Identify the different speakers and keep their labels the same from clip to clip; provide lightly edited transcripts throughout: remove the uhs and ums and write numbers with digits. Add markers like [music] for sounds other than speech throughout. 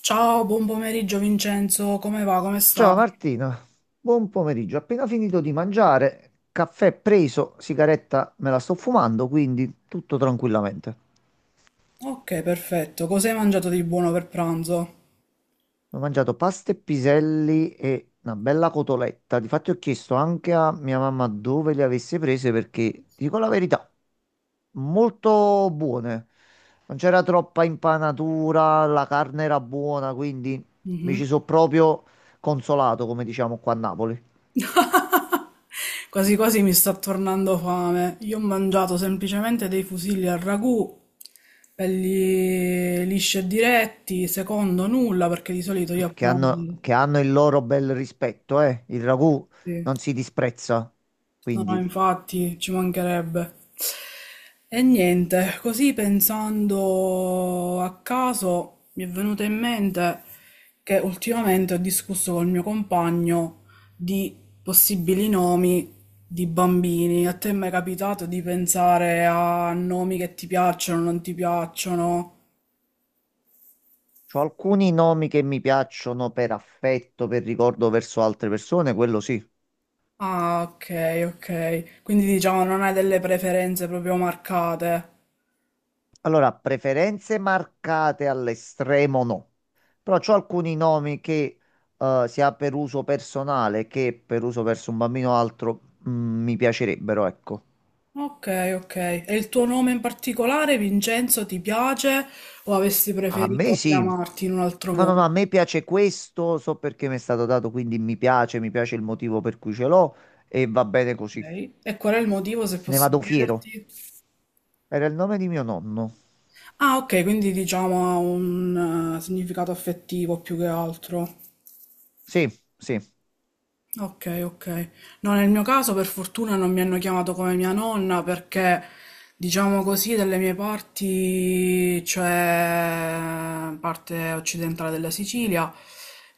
Speaker 1: Ciao, buon pomeriggio Vincenzo, come va? Come
Speaker 2: Ciao
Speaker 1: stai?
Speaker 2: Martina, buon pomeriggio. Appena finito di mangiare, caffè preso, sigaretta me la sto fumando, quindi tutto tranquillamente.
Speaker 1: Ok, perfetto. Cosa hai mangiato di buono per pranzo?
Speaker 2: Ho mangiato pasta e piselli e una bella cotoletta. Difatti ho chiesto anche a mia mamma dove le avesse prese perché, ti dico la verità, molto buone. Non c'era troppa impanatura, la carne era buona, quindi mi
Speaker 1: Mhm.
Speaker 2: ci sono proprio consolato, come diciamo qua a Napoli.
Speaker 1: Quasi quasi mi sta tornando fame. Io ho mangiato semplicemente dei fusilli al ragù, belli lisci e diretti, secondo nulla, perché di solito io
Speaker 2: Vabbè,
Speaker 1: a
Speaker 2: che hanno,
Speaker 1: pranzo...
Speaker 2: che hanno il loro bel rispetto, eh? Il ragù
Speaker 1: Sì.
Speaker 2: non si disprezza.
Speaker 1: No, no,
Speaker 2: Quindi,
Speaker 1: infatti ci mancherebbe. E niente, così pensando a caso mi è venuto in mente che ultimamente ho discusso col mio compagno di possibili nomi di bambini. A te è mai capitato di pensare a nomi che ti piacciono, non ti piacciono?
Speaker 2: c'ho alcuni nomi che mi piacciono per affetto, per ricordo verso altre persone, quello sì.
Speaker 1: Ah, ok, ok. Quindi diciamo non hai delle preferenze proprio marcate.
Speaker 2: Allora, preferenze marcate all'estremo no. Però c'ho alcuni nomi che sia per uso personale che per uso verso un bambino o altro mi piacerebbero, ecco.
Speaker 1: Ok, ok. E il tuo nome in particolare, Vincenzo, ti piace o avresti
Speaker 2: A me
Speaker 1: preferito
Speaker 2: sì. No,
Speaker 1: chiamarti in un altro
Speaker 2: no,
Speaker 1: modo?
Speaker 2: no, a me piace questo, so perché mi è stato dato, quindi mi piace il motivo per cui ce l'ho e va bene così.
Speaker 1: Ok. E qual è il motivo, se
Speaker 2: Ne
Speaker 1: posso
Speaker 2: vado fiero.
Speaker 1: chiederti?
Speaker 2: Era il nome di mio nonno.
Speaker 1: Ah, ok, quindi diciamo ha un significato affettivo più che altro.
Speaker 2: Sì, sì.
Speaker 1: Ok, ok. No, nel mio caso per fortuna non mi hanno chiamato come mia nonna perché, diciamo così, dalle mie parti, cioè parte occidentale della Sicilia,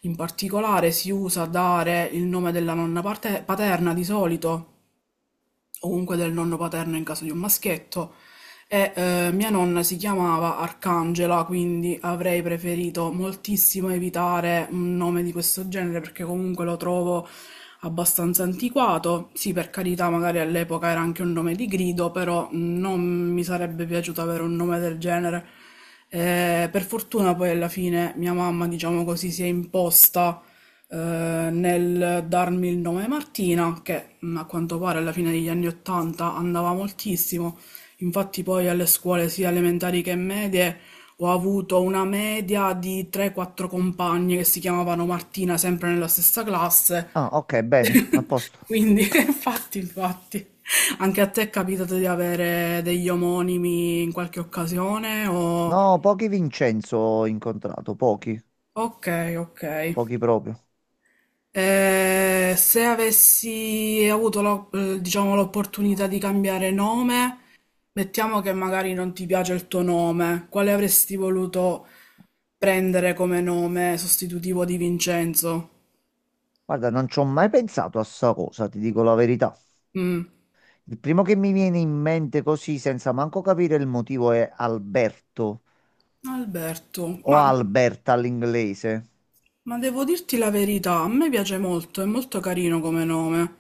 Speaker 1: in particolare si usa dare il nome della nonna paterna di solito o comunque del nonno paterno in caso di un maschietto. E mia nonna si chiamava Arcangela, quindi avrei preferito moltissimo evitare un nome di questo genere perché comunque lo trovo abbastanza antiquato. Sì, per carità, magari all'epoca era anche un nome di grido, però non mi sarebbe piaciuto avere un nome del genere. Per fortuna poi alla fine mia mamma, diciamo così, si è imposta nel darmi il nome Martina, che a quanto pare alla fine degli anni Ottanta andava moltissimo. Infatti poi alle scuole sia elementari che medie ho avuto una media di 3-4 compagne che si chiamavano Martina, sempre nella stessa classe.
Speaker 2: Ah, ok, bene, a posto.
Speaker 1: Quindi, [laughs] infatti, infatti, anche a te è capitato di avere degli omonimi in qualche occasione o...
Speaker 2: No, pochi Vincenzo ho incontrato, pochi,
Speaker 1: Ok, ok.
Speaker 2: pochi proprio.
Speaker 1: Se avessi avuto diciamo, l'opportunità di cambiare nome, mettiamo che magari non ti piace il tuo nome, quale avresti voluto prendere come nome sostitutivo di Vincenzo?
Speaker 2: Guarda, non ci ho mai pensato a sta cosa, ti dico la verità.
Speaker 1: Mm,
Speaker 2: Il primo che mi viene in mente così, senza manco capire il motivo, è Alberto
Speaker 1: Alberto,
Speaker 2: o
Speaker 1: ma...
Speaker 2: Alberta all'inglese.
Speaker 1: Ma devo dirti la verità, a me piace molto, è molto carino come nome.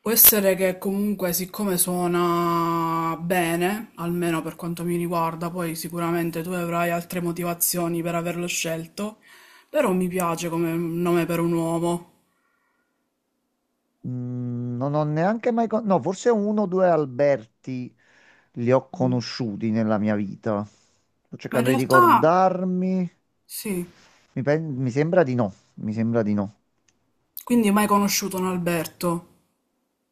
Speaker 1: Può essere che comunque, siccome suona bene, almeno per quanto mi riguarda, poi sicuramente tu avrai altre motivazioni per averlo scelto, però mi piace come nome per un uomo.
Speaker 2: Non ho neanche mai... No, forse uno o due Alberti li ho
Speaker 1: Mm.
Speaker 2: conosciuti nella mia vita. Sto
Speaker 1: Ma in
Speaker 2: cercando di
Speaker 1: realtà,
Speaker 2: ricordarmi.
Speaker 1: sì.
Speaker 2: Mi sembra di no, mi sembra di no.
Speaker 1: Quindi mai conosciuto un Alberto?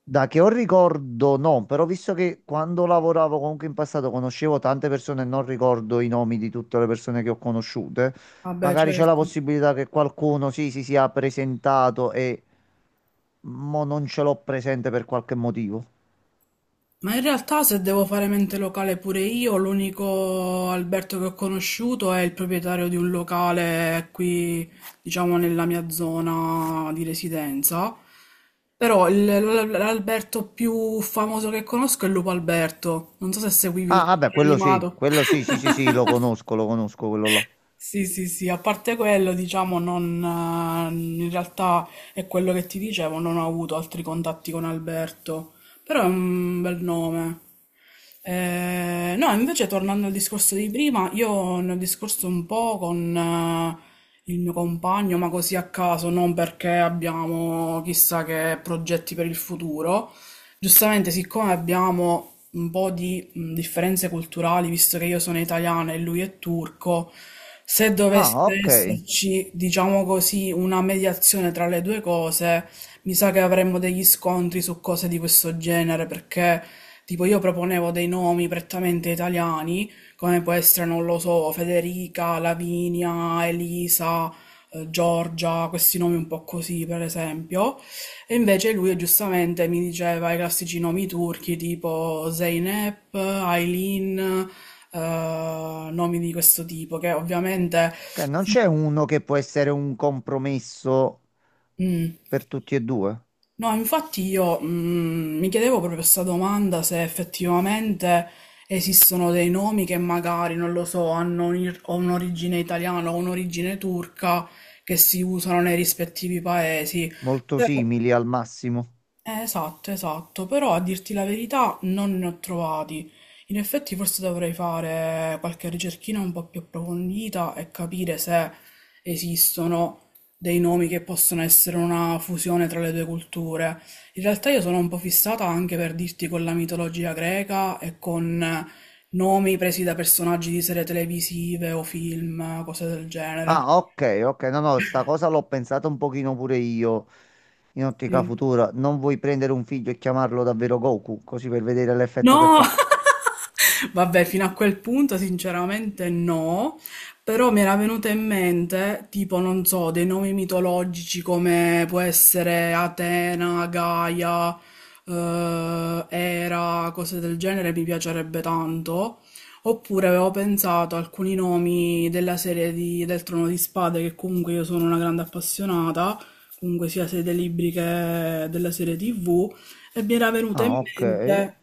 Speaker 2: Da che ho ricordo, no, però visto che quando lavoravo comunque in passato conoscevo tante persone e non ricordo i nomi di tutte le persone che ho conosciute,
Speaker 1: Vabbè,
Speaker 2: magari c'è la
Speaker 1: certo.
Speaker 2: possibilità che qualcuno sì, si sia presentato e mo non ce l'ho presente per qualche motivo.
Speaker 1: Ma in realtà, se devo fare mente locale pure io, l'unico Alberto che ho conosciuto è il proprietario di un locale qui, diciamo, nella mia zona di residenza. Però l'Alberto più famoso che conosco è Lupo Alberto. Non so se seguivi il
Speaker 2: Ah, vabbè,
Speaker 1: cartone animato.
Speaker 2: quello sì, sì, sì,
Speaker 1: [laughs]
Speaker 2: sì, lo conosco quello là.
Speaker 1: Sì, sì, sì, a parte quello, diciamo, non, in realtà è quello che ti dicevo, non ho avuto altri contatti con Alberto, però è un bel nome. No, invece tornando al discorso di prima, io ne ho discorso un po' con il mio compagno, ma così a caso, non perché abbiamo chissà che progetti per il futuro. Giustamente, siccome abbiamo un po' di differenze culturali, visto che io sono italiana e lui è turco, se dovesse
Speaker 2: Ah, ok.
Speaker 1: esserci, diciamo così, una mediazione tra le due cose, mi sa che avremmo degli scontri su cose di questo genere, perché tipo io proponevo dei nomi prettamente italiani, come può essere, non lo so, Federica, Lavinia, Elisa, Giorgia, questi nomi un po' così, per esempio. E invece lui giustamente mi diceva i classici nomi turchi tipo Zeynep, Aylin, nomi di questo tipo, che ovviamente
Speaker 2: Ok, non
Speaker 1: sì.
Speaker 2: c'è uno che può essere un compromesso
Speaker 1: Mm.
Speaker 2: per tutti e due,
Speaker 1: No, infatti io mi chiedevo proprio questa domanda, se effettivamente esistono dei nomi che magari, non lo so, hanno o un'origine italiana o un'origine turca che si usano nei rispettivi paesi.
Speaker 2: molto
Speaker 1: Però...
Speaker 2: simili al massimo.
Speaker 1: Esatto, esatto, però, a dirti la verità, non ne ho trovati. In effetti forse dovrei fare qualche ricerchina un po' più approfondita e capire se esistono dei nomi che possono essere una fusione tra le due culture. In realtà io sono un po' fissata anche, per dirti, con la mitologia greca e con nomi presi da personaggi di serie televisive o film, cose del genere.
Speaker 2: Ah, ok, ok, no, no, sta cosa l'ho pensata un pochino pure io in ottica
Speaker 1: Sì.
Speaker 2: futura. Non vuoi prendere un figlio e chiamarlo davvero Goku, così per vedere l'effetto che
Speaker 1: No!
Speaker 2: fa.
Speaker 1: [laughs] Vabbè, fino a quel punto sinceramente no, però mi era venuta in mente, tipo, non so, dei nomi mitologici come può essere Atena, Gaia, Era, cose del genere, mi piacerebbe tanto. Oppure avevo pensato a alcuni nomi della serie del Trono di Spade, che comunque io sono una grande appassionata, comunque sia sia dei libri che della serie TV. E mi era venuto in
Speaker 2: Ah, ok.
Speaker 1: mente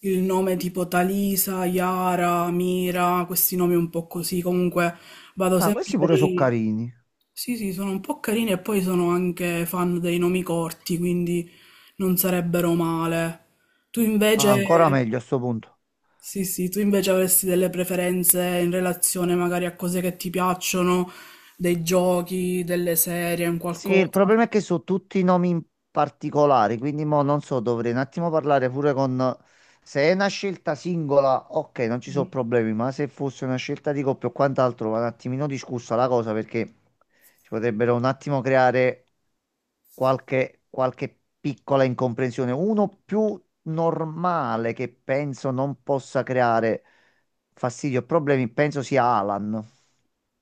Speaker 1: il nome tipo Talisa, Yara, Mira, questi nomi un po' così. Comunque vado
Speaker 2: Ah,
Speaker 1: sempre
Speaker 2: questi
Speaker 1: per
Speaker 2: pure sono
Speaker 1: i...
Speaker 2: carini.
Speaker 1: Sì, sì, sono un po' carini e poi sono anche fan dei nomi corti, quindi non sarebbero male. Tu
Speaker 2: Ah, ancora
Speaker 1: invece...
Speaker 2: meglio a sto punto.
Speaker 1: Sì, sì, tu invece avresti delle preferenze in relazione magari a cose che ti piacciono, dei giochi, delle serie, un
Speaker 2: Sì, il
Speaker 1: qualcosa.
Speaker 2: problema è che so tutti i nomi in particolare, quindi mo non so, dovrei un attimo parlare pure con... Se è una scelta singola, ok, non ci sono problemi, ma se fosse una scelta di coppia o quant'altro, va un attimino discussa la cosa perché si potrebbero un attimo creare qualche, qualche piccola incomprensione. Uno più normale che penso non possa creare fastidio o problemi, penso sia Alan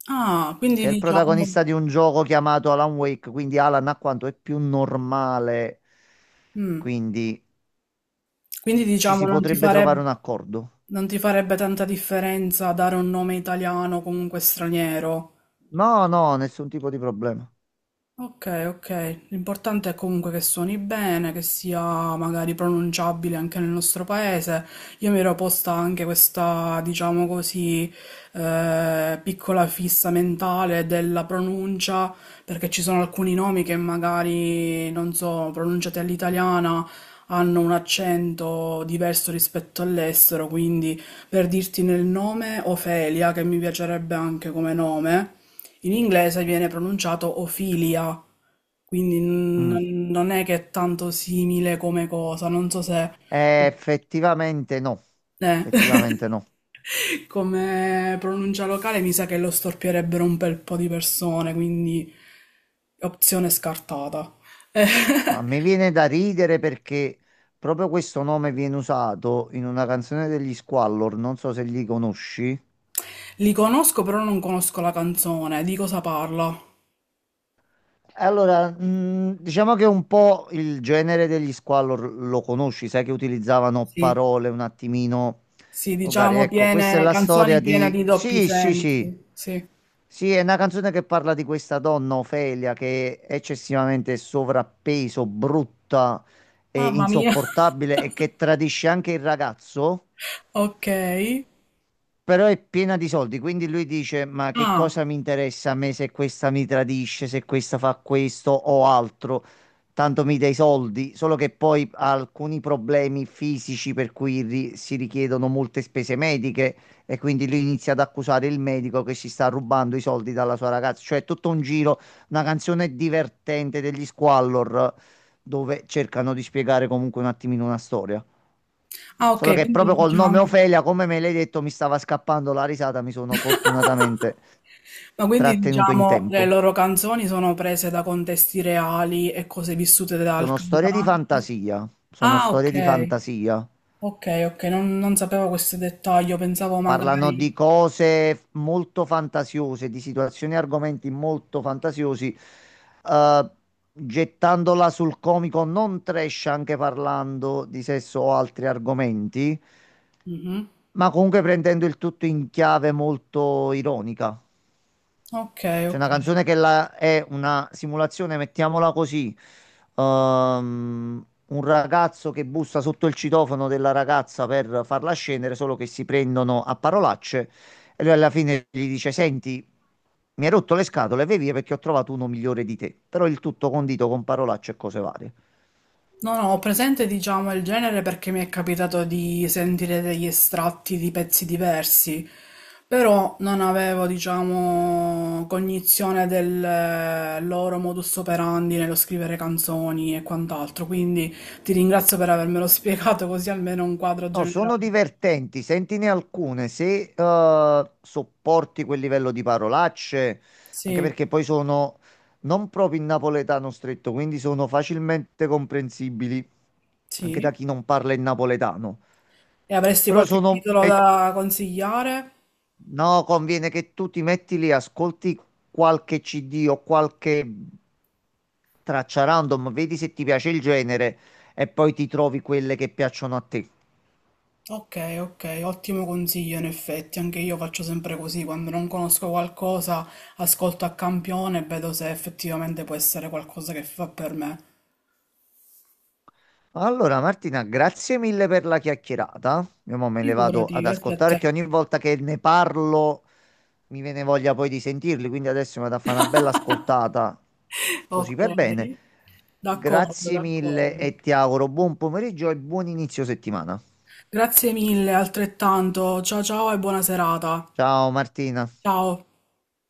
Speaker 1: Ah, quindi
Speaker 2: che è il
Speaker 1: diciamo...
Speaker 2: protagonista di un gioco chiamato Alan Wake, quindi Alan a quanto è più normale,
Speaker 1: Mm.
Speaker 2: quindi
Speaker 1: Quindi
Speaker 2: ci
Speaker 1: diciamo
Speaker 2: si
Speaker 1: non ti
Speaker 2: potrebbe trovare un accordo.
Speaker 1: non ti farebbe tanta differenza dare un nome italiano o comunque straniero.
Speaker 2: No, no, nessun tipo di problema.
Speaker 1: Ok, ok. L'importante è comunque che suoni bene, che sia magari pronunciabile anche nel nostro paese. Io mi ero posta anche questa, diciamo così, piccola fissa mentale della pronuncia, perché ci sono alcuni nomi che magari, non so, pronunciati all'italiana hanno un accento diverso rispetto all'estero, quindi per dirti nel nome Ofelia, che mi piacerebbe anche come nome. In inglese viene pronunciato Ophelia, quindi
Speaker 2: Mm.
Speaker 1: non è che è tanto simile come cosa, non so se...
Speaker 2: Effettivamente no,
Speaker 1: Eh.
Speaker 2: effettivamente no.
Speaker 1: [laughs] Come pronuncia locale, mi sa che lo storpierebbero un bel po' di persone, quindi opzione scartata. Eh,
Speaker 2: Ma mi viene da ridere perché proprio questo nome viene usato in una canzone degli Squallor, non so se li conosci.
Speaker 1: Li conosco, però non conosco la canzone. Di cosa parla?
Speaker 2: Allora, diciamo che un po' il genere degli Squallor lo conosci, sai che utilizzavano
Speaker 1: Sì,
Speaker 2: parole un attimino
Speaker 1: sì,
Speaker 2: volgari.
Speaker 1: diciamo
Speaker 2: Ecco, questa è
Speaker 1: piene,
Speaker 2: la
Speaker 1: canzoni
Speaker 2: storia
Speaker 1: piene
Speaker 2: di...
Speaker 1: di doppi
Speaker 2: Sì, sì, sì.
Speaker 1: sensi. Sì.
Speaker 2: Sì, è una canzone che parla di questa donna, Ofelia, che è eccessivamente sovrappeso, brutta e
Speaker 1: Mamma mia. [laughs]
Speaker 2: insopportabile e che tradisce anche il ragazzo
Speaker 1: Ok.
Speaker 2: però è piena di soldi, quindi lui dice: Ma che
Speaker 1: Ah.
Speaker 2: cosa mi interessa a me se questa mi tradisce, se questa fa questo o altro? Tanto mi dai soldi, solo che poi ha alcuni problemi fisici per cui si richiedono molte spese mediche e quindi lui inizia ad accusare il medico che si sta rubando i soldi dalla sua ragazza. Cioè, è tutto un giro, una canzone divertente degli Squallor dove cercano di spiegare comunque un attimino una storia.
Speaker 1: Ah,
Speaker 2: Solo
Speaker 1: ok,
Speaker 2: che
Speaker 1: quindi
Speaker 2: proprio col nome
Speaker 1: diciamo...
Speaker 2: Ofelia, come me l'hai detto, mi stava scappando la risata, mi sono fortunatamente
Speaker 1: Ma quindi
Speaker 2: trattenuto in
Speaker 1: diciamo le
Speaker 2: tempo.
Speaker 1: loro canzoni sono prese da contesti reali e cose vissute dal
Speaker 2: Sono storie di
Speaker 1: cantante?
Speaker 2: fantasia, sono
Speaker 1: Ah,
Speaker 2: storie di
Speaker 1: ok,
Speaker 2: fantasia.
Speaker 1: ok, ok, non sapevo questo dettaglio, pensavo
Speaker 2: Parlano di
Speaker 1: magari...
Speaker 2: cose molto fantasiose, di situazioni e argomenti molto fantasiosi, eh, gettandola sul comico non trash, anche parlando di sesso o altri argomenti,
Speaker 1: Mhm.
Speaker 2: ma comunque prendendo il tutto in chiave molto ironica.
Speaker 1: Ok,
Speaker 2: C'è
Speaker 1: ok.
Speaker 2: una canzone che è una simulazione, mettiamola così. ehm, un ragazzo che bussa sotto il citofono della ragazza per farla scendere, solo che si prendono a parolacce e lui alla fine gli dice: Senti, mi hai rotto le scatole, vai via perché ho trovato uno migliore di te. Però il tutto condito con parolacce e cose varie.
Speaker 1: No, no, ho presente, diciamo, il genere, perché mi è capitato di sentire degli estratti di pezzi diversi, però non avevo, diciamo, cognizione del loro modus operandi nello scrivere canzoni e quant'altro, quindi ti ringrazio per avermelo [laughs] spiegato così almeno un quadro
Speaker 2: No, sono
Speaker 1: generale.
Speaker 2: divertenti, sentine alcune se sopporti quel livello di parolacce, anche
Speaker 1: Sì,
Speaker 2: perché poi sono non proprio in napoletano stretto, quindi sono facilmente comprensibili anche da
Speaker 1: sì.
Speaker 2: chi non parla il napoletano.
Speaker 1: E avresti
Speaker 2: Però
Speaker 1: qualche
Speaker 2: sono...
Speaker 1: titolo da consigliare?
Speaker 2: no, conviene che tu ti metti lì, ascolti qualche CD o qualche traccia random, vedi se ti piace il genere e poi ti trovi quelle che piacciono a te.
Speaker 1: Ok, ok, ottimo consiglio in effetti, anche io faccio sempre così: quando non conosco qualcosa ascolto a campione e vedo se effettivamente può essere qualcosa che fa per me.
Speaker 2: Allora, Martina, grazie mille per la chiacchierata. Io mo me le vado
Speaker 1: Figurati,
Speaker 2: ad
Speaker 1: grazie a
Speaker 2: ascoltare
Speaker 1: te.
Speaker 2: che ogni volta che ne parlo mi viene voglia poi di sentirli, quindi adesso mi vado a fare una bella ascoltata così
Speaker 1: Ok,
Speaker 2: per bene.
Speaker 1: d'accordo,
Speaker 2: Grazie mille
Speaker 1: d'accordo.
Speaker 2: e ti auguro buon pomeriggio e buon inizio settimana.
Speaker 1: Grazie mille, altrettanto. Ciao ciao e buona serata.
Speaker 2: Ciao Martina.
Speaker 1: Ciao.